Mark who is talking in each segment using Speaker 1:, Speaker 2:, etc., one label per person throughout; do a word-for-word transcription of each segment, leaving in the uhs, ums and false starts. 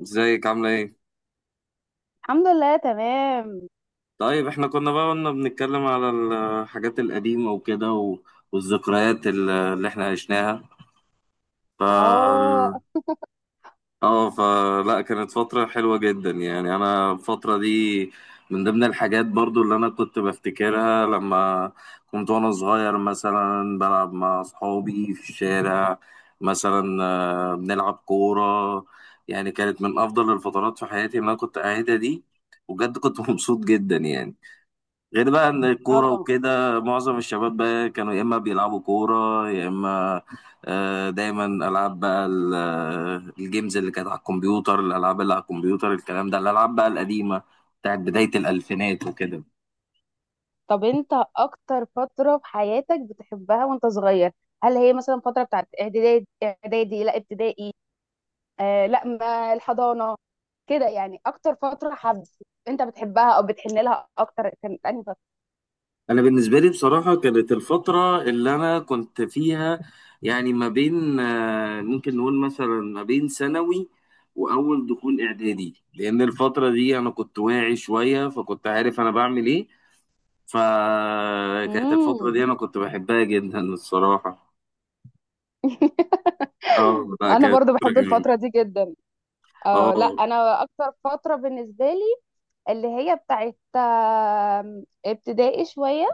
Speaker 1: ازيك عاملة ايه؟
Speaker 2: الحمد لله، تمام.
Speaker 1: طيب احنا كنا بقى قلنا بنتكلم على الحاجات القديمة وكده و- والذكريات ال- اللي احنا عشناها. ف
Speaker 2: اه.
Speaker 1: اه فلا كانت فترة حلوة جدا، يعني انا الفترة دي من ضمن الحاجات برضو اللي انا كنت بفتكرها لما كنت وانا صغير مثلا بلعب مع اصحابي في الشارع. مثلا آه، بنلعب كورة، يعني كانت من افضل الفترات في حياتي اللي انا كنت قاعدها دي. وبجد كنت مبسوط جدا يعني. غير بقى ان الكوره
Speaker 2: اه.
Speaker 1: وكده معظم الشباب بقى كانوا يا اما بيلعبوا كوره يا اما آه، دايما العاب بقى ال- آه، الجيمز اللي كانت على الكمبيوتر، الالعاب اللي على الكمبيوتر الكلام ده، الالعاب بقى القديمه بتاعت بدايه الالفينات وكده.
Speaker 2: طب انت اكتر فترة في حياتك بتحبها وانت صغير؟ هل هي مثلا فترة بتاعت اعدادي اعدادي لا ابتدائي؟ آه لا ما الحضانة، كده يعني اكتر فترة حب انت بتحبها او بتحن لها اكتر كانت انهي فترة؟
Speaker 1: انا بالنسبه لي بصراحه كانت الفتره اللي انا كنت فيها، يعني ما بين آه، ممكن نقول مثلا ما بين ثانوي واول دخول اعدادي، لان الفتره دي انا كنت واعي شويه فكنت عارف انا بعمل ايه. فكانت الفترة
Speaker 2: امم.
Speaker 1: دي أنا كنت بحبها جدا الصراحة. اه، لا
Speaker 2: انا
Speaker 1: كانت
Speaker 2: برضو
Speaker 1: فترة
Speaker 2: بحب
Speaker 1: جميلة.
Speaker 2: الفترة دي جدا. اه لا
Speaker 1: اه.
Speaker 2: انا اكتر فترة بالنسبة لي اللي هي بتاعت آم، ابتدائي شوية.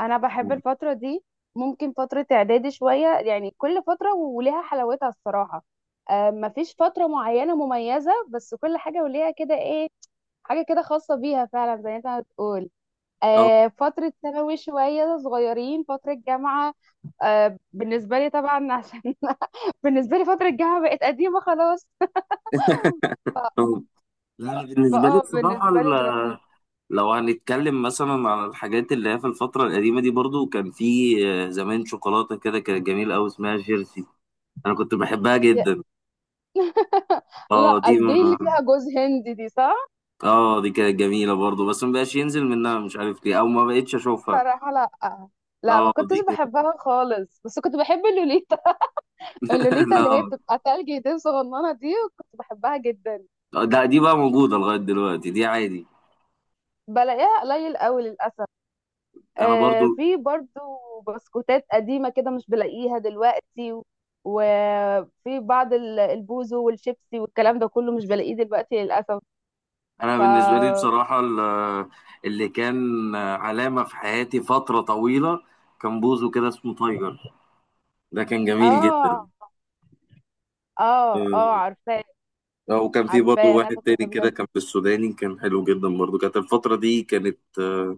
Speaker 2: انا بحب الفتره دي، ممكن فتره اعدادي شويه، يعني كل فتره وليها حلاوتها الصراحه. آه، مفيش فتره معينه مميزه، بس كل حاجه وليها كده ايه، حاجه كده خاصه بيها فعلا زي ما انت بتقول.
Speaker 1: اه.
Speaker 2: آه، فتره ثانوي شويه صغيرين، فتره جامعه. آه، بالنسبه لي طبعا عشان بالنسبه لي فتره الجامعه بقت قديمه خلاص.
Speaker 1: لا أنا بالنسبة لي
Speaker 2: فاه
Speaker 1: الصراحة،
Speaker 2: بالنسبه لي
Speaker 1: ال-
Speaker 2: دلوقتي.
Speaker 1: لو هنتكلم مثلا عن الحاجات اللي هي في الفترة القديمة دي، برضو كان في آه، زمان شوكولاتة كده كانت جميلة أوي اسمها جيرسي، أنا كنت بحبها جدا. اه دي
Speaker 2: لا،
Speaker 1: ما.
Speaker 2: دي اللي فيها جوز هندي دي، صح؟
Speaker 1: اه دي كانت جميلة برضو، بس ما بقاش ينزل منها مش عارف ليه أو ما بقتش أشوفها.
Speaker 2: صراحة لأ. لا ما
Speaker 1: اه
Speaker 2: كنتش
Speaker 1: دي كانت.
Speaker 2: بحبها خالص، بس كنت بحب اللوليتا. اللوليتا اللي هي
Speaker 1: لا.
Speaker 2: بتبقى تلج دي صغننة، دي كنت بحبها جدا.
Speaker 1: آه، لا دي بقى موجودة لغاية دلوقتي دي عادي.
Speaker 2: بلاقيها قليل قوي للأسف.
Speaker 1: انا برضو
Speaker 2: آه في برضو بسكوتات قديمة كده مش بلاقيها دلوقتي و- وفي بعض ال- البوزو والشيبسي والكلام ده كله مش بلاقيه دلوقتي للأسف.
Speaker 1: انا
Speaker 2: ف.
Speaker 1: بالنسبه لي بصراحه ال- اللي كان علامه في حياتي فتره طويله كان بوزو كده اسمه تايجر. ده كان جميل
Speaker 2: اه.
Speaker 1: جدا.
Speaker 2: اه. اه.
Speaker 1: آه،
Speaker 2: عارفاه.
Speaker 1: آه، وكان في برضو
Speaker 2: عارفاه انا
Speaker 1: واحد
Speaker 2: كنت
Speaker 1: تاني
Speaker 2: بحبه
Speaker 1: كده
Speaker 2: جدا.
Speaker 1: كان في السوداني كان حلو جدا برضو، كانت الفتره دي كانت آه،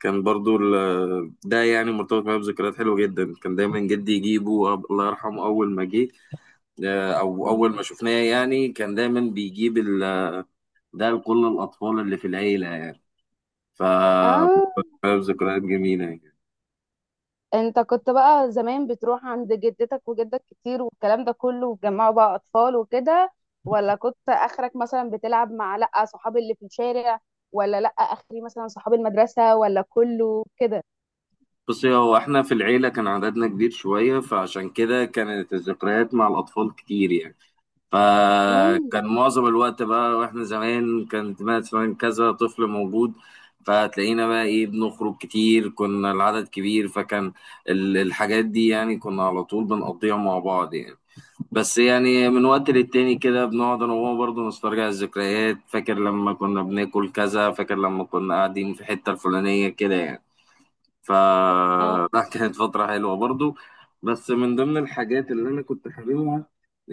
Speaker 1: كان برضو ال- ده يعني مرتبط معايا بذكريات حلوه جدا. كان دايما جدي يجيبه، أب- الله يرحمه، اول ما جه آه، او
Speaker 2: مم.
Speaker 1: اول ما شفناه يعني. كان دايما بيجيب ال- ده لكل الاطفال اللي في العيله. ف
Speaker 2: اه.
Speaker 1: ذكريات جميلة يعني.
Speaker 2: انت كنت بقى زمان بتروح عند جدتك وجدك كتير والكلام ده كله، وتجمعوا بقى اطفال وكده، ولا كنت اخرك مثلا بتلعب مع لا صحابي اللي في الشارع، ولا لا اخري مثلا صحاب المدرسة ولا كله كده؟
Speaker 1: بصي، هو احنا في العيلة كان عددنا كبير شوية فعشان كده كانت الذكريات مع الأطفال كتير يعني. فكان معظم الوقت بقى واحنا زمان كانت مثلا كذا طفل موجود، فتلاقينا بقى ايه بنخرج كتير كنا العدد كبير، فكان ال- الحاجات دي يعني كنا على طول بنقضيها مع بعض يعني. بس يعني من وقت للتاني كده بنقعد انا وهو برضه نسترجع الذكريات، فاكر لما كنا بناكل كذا، فاكر لما كنا قاعدين في الحتة الفلانية كده يعني. ف
Speaker 2: امم.
Speaker 1: لا كانت فترة حلوة برضه. بس من ضمن الحاجات اللي انا كنت حاببها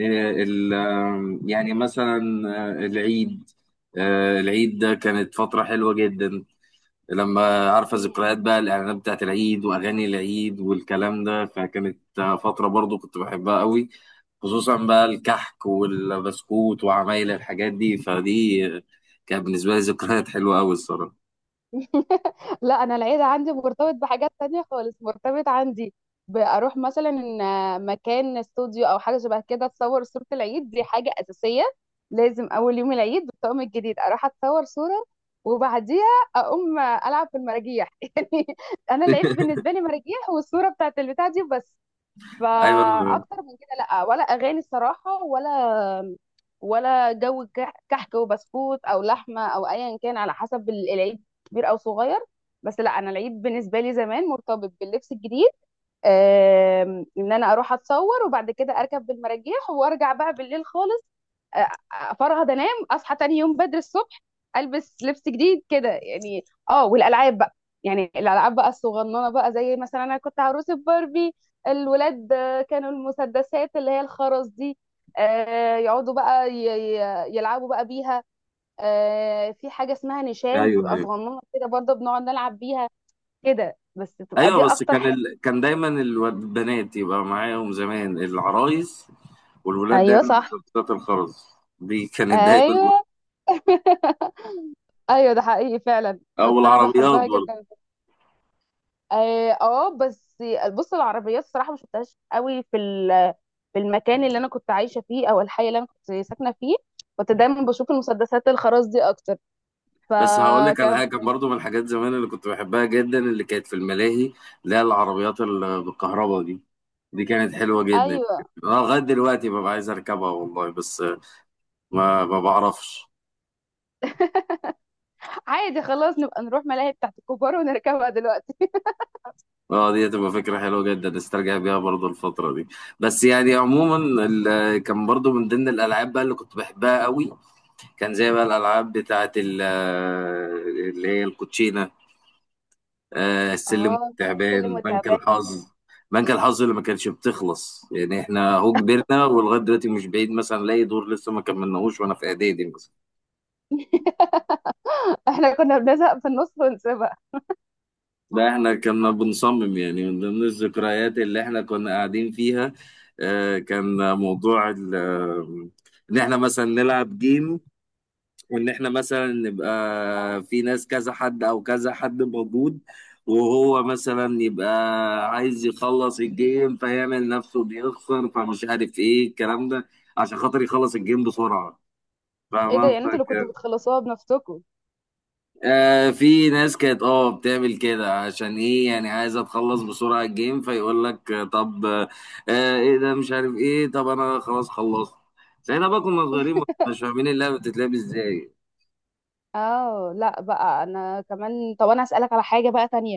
Speaker 1: آه، ال- آه، يعني مثلا آه، العيد. آه، العيد ده كانت فترة حلوة جدا، لما عارفه ذكريات بقى الاعلانات بتاعت العيد واغاني العيد والكلام ده. فكانت آه، فتره برضو كنت بحبها قوي، خصوصا بقى الكحك والبسكوت وعمايل الحاجات دي. فدي آه، كانت بالنسبه لي ذكريات حلوه قوي الصراحه.
Speaker 2: لا انا العيد عندي مرتبط بحاجات تانية خالص، مرتبط عندي بأروح مثلا إن مكان استوديو او حاجه شبه كده اتصور صوره، العيد دي حاجه اساسيه. لازم اول يوم العيد بالطقم الجديد اروح اتصور صوره، وبعديها اقوم العب في المراجيح يعني. انا العيد بالنسبه لي مراجيح والصوره بتاعت البتاع دي بس.
Speaker 1: ايوه،
Speaker 2: فاكتر من كده لا، ولا اغاني الصراحه، ولا ولا جو كح- كحك وبسكوت او لحمه او ايا كان على حسب ال- العيد، كبير او صغير. بس لا انا العيد بالنسبه لي زمان مرتبط باللبس الجديد. آم، ان انا اروح اتصور وبعد كده اركب بالمراجيح وارجع بقى بالليل خالص، افرهد انام اصحى تاني يوم بدري الصبح البس لبس جديد كده يعني. اه والالعاب بقى، يعني الالعاب بقى الصغننه بقى، زي مثلا انا كنت عروسه باربي. الولاد آه، كانوا المسدسات اللي هي الخرز دي. آه، يقعدوا بقى ي- ي- يلعبوا بقى بيها. آه، في حاجه اسمها نشان
Speaker 1: ايوه.
Speaker 2: بتبقى
Speaker 1: ايوه،
Speaker 2: صغننه كده برضه بنقعد نلعب بيها. كده بس، بتبقى
Speaker 1: ايوه.
Speaker 2: دي
Speaker 1: بس
Speaker 2: اكتر
Speaker 1: كان
Speaker 2: حاجه.
Speaker 1: ال... كان دايما الواد- البنات يبقى معاهم زمان العرايس، والولاد دايما
Speaker 2: ايوه صح.
Speaker 1: مسدسات الخرز. دي كانت دايما.
Speaker 2: ايوه. ايوه ده حقيقي فعلا.
Speaker 1: او
Speaker 2: كنت انا
Speaker 1: العربيات.
Speaker 2: بحبها جدا. اه آه، بس بص العربيات الصراحه ما شفتهاش قوي في ال- في المكان اللي انا كنت عايشه فيه او الحي اللي انا كنت ساكنه فيه. كنت دايما بشوف المسدسات الخرز دي اكتر.
Speaker 1: بس هقول لك على
Speaker 2: فكان.
Speaker 1: حاجه، كان برضو من الحاجات زمان اللي كنت بحبها جدا اللي كانت في الملاهي اللي هي العربيات اللي بالكهرباء دي، دي كانت حلوه جدا.
Speaker 2: ايوه.
Speaker 1: اه لغايه دلوقتي ببقى عايز اركبها والله، بس ما ما بعرفش.
Speaker 2: عادي خلاص، نبقى نروح ملاهي بتاعت الكبار ونركبها دلوقتي.
Speaker 1: اه دي هتبقى فكره حلوه جدا استرجع بيها برضو الفتره دي. بس يعني عموما ال- كان برضو من ضمن الالعاب بقى اللي كنت بحبها قوي، كان زي بقى الالعاب بتاعه ال- اللي هي الكوتشينه، آه السلم
Speaker 2: اه اللي
Speaker 1: والتعبان، بنك
Speaker 2: متابعين.
Speaker 1: الحظ. بنك الحظ اللي ما كانتش بتخلص يعني، احنا اهو كبرنا ولغايه دلوقتي مش بعيد مثلا الاقي دور لسه ما كملناهوش وانا في اعدادي مثلا.
Speaker 2: احنا كنا بنزهق في النص ونسيبها.
Speaker 1: ده احنا كنا بنصمم يعني من ضمن الذكريات اللي احنا كنا قاعدين فيها، آه كان موضوع ال- آه، ان احنا مثلا نلعب جيم، وان احنا مثلا نبقى في ناس كذا حد او كذا حد موجود، وهو مثلا يبقى عايز يخلص الجيم فيعمل نفسه بيخسر فمش عارف ايه الكلام ده عشان خاطر يخلص الجيم بسرعة.
Speaker 2: ايه ده،
Speaker 1: فاهمة،
Speaker 2: يعني انتوا اللي
Speaker 1: فاكر.
Speaker 2: كنتوا بتخلصوها بنفسكم؟
Speaker 1: آه في ناس كانت اه بتعمل كده عشان ايه، يعني عايزة تخلص بسرعة الجيم، فيقول لك آه، طب آه ايه ده مش عارف ايه، طب انا خلاص خلصت. زي بقى كنا صغيرين مش فاهمين اللعبة بتتلعب ازاي.
Speaker 2: اه لا بقى انا كمان، طب انا اسالك على حاجه بقى تانية.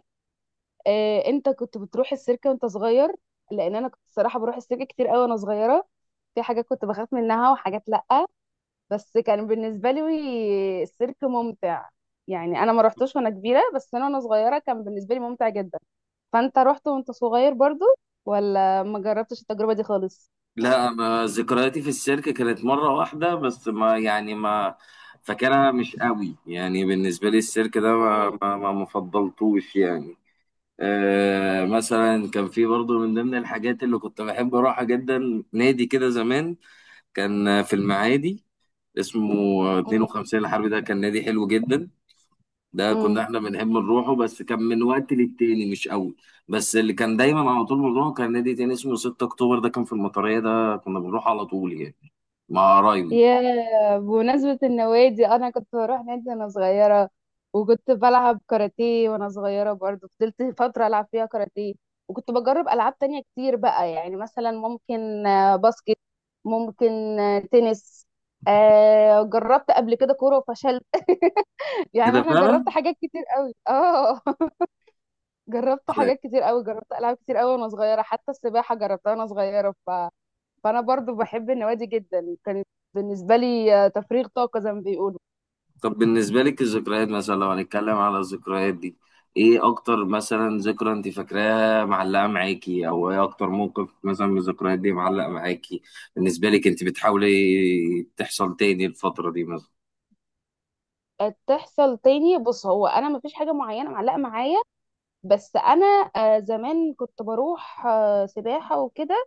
Speaker 2: آه، انت كنت بتروح السيرك وانت صغير؟ لان انا كنت الصراحه بروح السيرك كتير قوي وانا صغيره. في حاجات كنت بخاف منها وحاجات لا، بس كان بالنسبه لي السيرك ممتع. يعني انا ما رحتوش وانا كبيره، بس انا وانا صغيره كان بالنسبه لي ممتع جدا. فانت رحت وانت صغير برضو، ولا ما جربتش التجربه دي خالص؟
Speaker 1: لا، ما ذكرياتي في السيرك كانت مرة واحدة بس، ما يعني ما فاكرها مش قوي يعني، بالنسبة لي السيرك ده ما ما ما ما فضلتوش يعني. آه مثلا كان في برضو من ضمن الحاجات اللي كنت بحب أروحها جدا نادي كده زمان، كان في المعادي اسمه اتنين وخمسين الحرب، ده كان نادي حلو جدا، ده كنا
Speaker 2: امم.
Speaker 1: احنا بنحب نروحه بس كان من وقت للتاني مش قوي. بس اللي كان دايما على طول بنروحه كان نادي تاني اسمه ستة اكتوبر، ده كان في المطرية ده كنا بنروح على طول يعني، مع قرايبي.
Speaker 2: يا بمناسبة النوادي، أنا كنت بروح نادي وأنا صغيرة وكنت بلعب كاراتيه وأنا صغيرة، برضو فضلت فترة ألعب فيها كاراتيه. وكنت بجرب ألعاب تانية كتير بقى، يعني مثلا ممكن آه، باسكت، ممكن آه، تنس، آه، جربت قبل كده كورة وفشلت يعني.
Speaker 1: كده
Speaker 2: أنا جربت
Speaker 1: فعلا.
Speaker 2: حاجات كتير قوي اه جربت
Speaker 1: أنا-
Speaker 2: حاجات كتير قوي، جربت ألعاب كتير قوي وأنا صغيرة، حتى السباحة جربتها وأنا صغيرة. فانا برضو بحب النوادي جدا، كانت بالنسبه لي آه، تفريغ طاقه زي ما بيقولوا.
Speaker 1: طب بالنسبة لك الذكريات مثلا، لو هنتكلم على الذكريات دي، ايه اكتر مثلا ذكرى انت فاكراها معلقة معاكي، او ايه اكتر موقف مثلا من الذكريات دي معلق معاكي بالنسبة لك؟ انت بتحاولي تحصل تاني الفترة دي مثلا؟
Speaker 2: آه، تحصل تاني؟ بص هو انا مفيش حاجه معينه معلقه معايا، بس انا آه، زمان كنت بروح آه، سباحه وكده،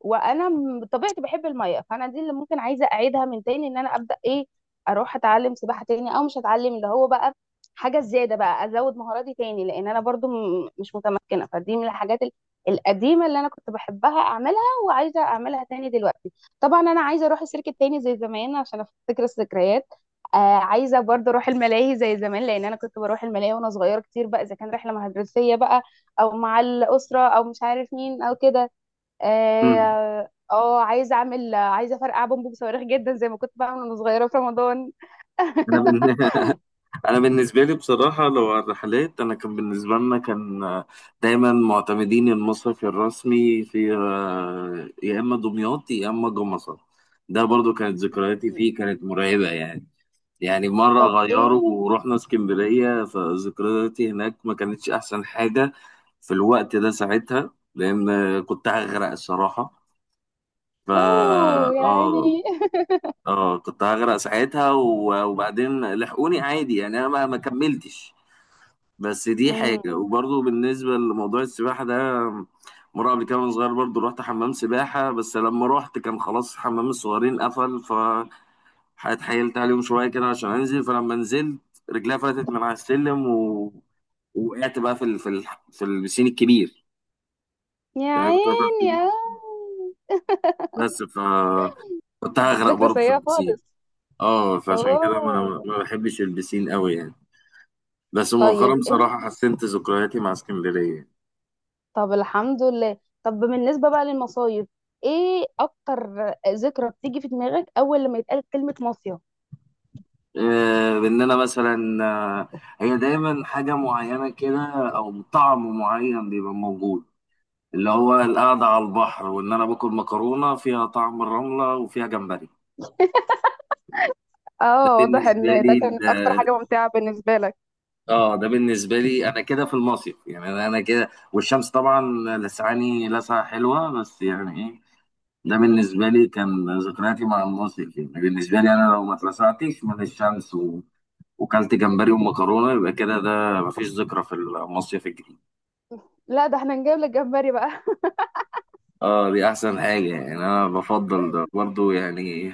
Speaker 2: وانا م- بطبيعتي بحب الميه، فانا دي اللي ممكن عايزه اعيدها من تاني، ان انا ابدا ايه، اروح اتعلم سباحه تاني، او مش هتعلم اللي هو بقى حاجه زياده بقى، ازود مهاراتي تاني لان انا برضو م- مش متمكنه، فدي من الحاجات ال- القديمه اللي انا كنت بحبها اعملها وعايزه اعملها تاني دلوقتي. طبعا انا عايزه اروح السيرك تاني زي زمان عشان افتكر الذكريات. آه عايزه برضو اروح الملاهي زي زمان، لان انا كنت بروح الملاهي وانا صغيره كتير بقى، اذا كان رحله مدرسيه بقى او مع الاسره او مش عارف مين او كده.
Speaker 1: مم.
Speaker 2: اه آه، عايزه اعمل عايزه افرقع بومبو بصواريخ جدا زي ما كنت بعمل وانا صغيره في رمضان.
Speaker 1: انا بن- انا بالنسبه لي بصراحه لو على الرحلات، انا كان بالنسبه لنا كان آه، دايما معتمدين المصيف الرسمي في آه، يا اما دمياط يا اما جمصة. ده برضو كانت ذكرياتي فيه كانت مرعبه يعني. يعني مره
Speaker 2: طب
Speaker 1: غيروا
Speaker 2: ايه؟
Speaker 1: ورحنا اسكندريه فذكرياتي هناك ما كانتش احسن حاجه في الوقت ده ساعتها، لان آه، كنت هغرق الصراحه. ف
Speaker 2: اوه
Speaker 1: اه
Speaker 2: يعني.
Speaker 1: اه كنت هغرق ساعتها، و- وبعدين لحقوني عادي يعني، انا ما ما كملتش. بس دي حاجة.
Speaker 2: امم.
Speaker 1: وبرضه بالنسبة لموضوع السباحة ده، مرة قبل كده وأنا صغير برضه رحت حمام سباحة، بس لما رحت كان خلاص حمام الصغيرين قفل، فاتحايلت عليهم شوية كده عشان أنزل. فلما نزلت رجليا فلتت من على السلم، و... وقعت بقى في ال... في ال... في البسين الكبير.
Speaker 2: يا
Speaker 1: يعني كنت واقف في
Speaker 2: عيني
Speaker 1: البسين
Speaker 2: آه.
Speaker 1: بس، ف كنت هغرق
Speaker 2: ذكرى
Speaker 1: برضه في
Speaker 2: سيئه
Speaker 1: البسين.
Speaker 2: خالص.
Speaker 1: اه، فعشان كده ما
Speaker 2: اوه.
Speaker 1: ما بحبش البسين قوي يعني. بس مؤخرا
Speaker 2: طيب انت،
Speaker 1: بصراحة حسنت ذكرياتي مع اسكندرية.
Speaker 2: طب الحمد لله. طب بالنسبة بقى للمصايف، ايه اكتر ذكرى بتيجي في دماغك اول لما يتقال كلمة مصيف؟
Speaker 1: آه، باننا مثلا آه، هي دايما حاجه معينه كده، او طعم معين بيبقى موجود، اللي هو القعده على البحر وان انا باكل مكرونه فيها طعم الرمله وفيها جمبري. ده
Speaker 2: اه واضح
Speaker 1: بالنسبه
Speaker 2: ان
Speaker 1: لي
Speaker 2: ده
Speaker 1: ال-
Speaker 2: كانت اكتر حاجه ممتعه بالنسبه لك.
Speaker 1: اه ده بالنسبه لي انا كده في المصيف يعني، انا أنا كده والشمس طبعا لسعاني لسعه حلوه بس يعني ايه. ده بالنسبه لي كان ذكرياتي مع المصيف يعني، بالنسبه لي انا لو ما اتلسعتش من الشمس و... وكلت جمبري ومكرونه، يبقى كده ده مفيش ذكرى في المصيف الجديد.
Speaker 2: لا ده احنا نجيب لك جمبري بقى.
Speaker 1: اه دي احسن حاجة، يعني انا بفضل ده برضو يعني.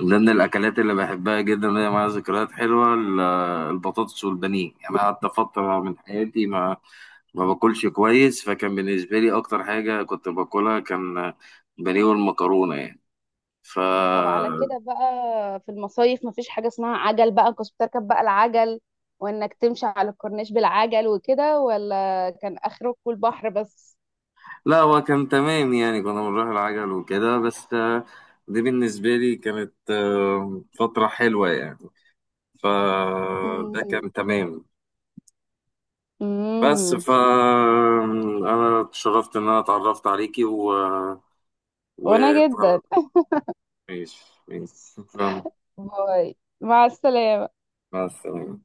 Speaker 1: من ضمن الاكلات اللي بحبها جدا اللي هي معاها ذكريات حلوة ال- البطاطس والبانيه، يعني انا قعدت فترة من حياتي ما ما باكلش كويس، فكان بالنسبة لي اكتر حاجة كنت باكلها كان بانيه والمكرونة يعني. ف
Speaker 2: طب على كده بقى في المصايف، مفيش حاجة اسمها عجل بقى؟ كنت بتركب بقى العجل وانك تمشي على الكورنيش بالعجل وكده، ولا كان اخركوا البحر بس؟
Speaker 1: لا هو كان تمام يعني، كنا بنروح العجل وكده بس آه، دي بالنسبة لي كانت آه، فترة حلوة يعني، فده كان
Speaker 2: امم.
Speaker 1: تمام. بس ف
Speaker 2: امم.
Speaker 1: انا اتشرفت ان انا اتعرفت عليكي و
Speaker 2: وانا جدا.
Speaker 1: و ماشي ماشي، شكرا.
Speaker 2: باي. مع السلامة.
Speaker 1: مع السلامة.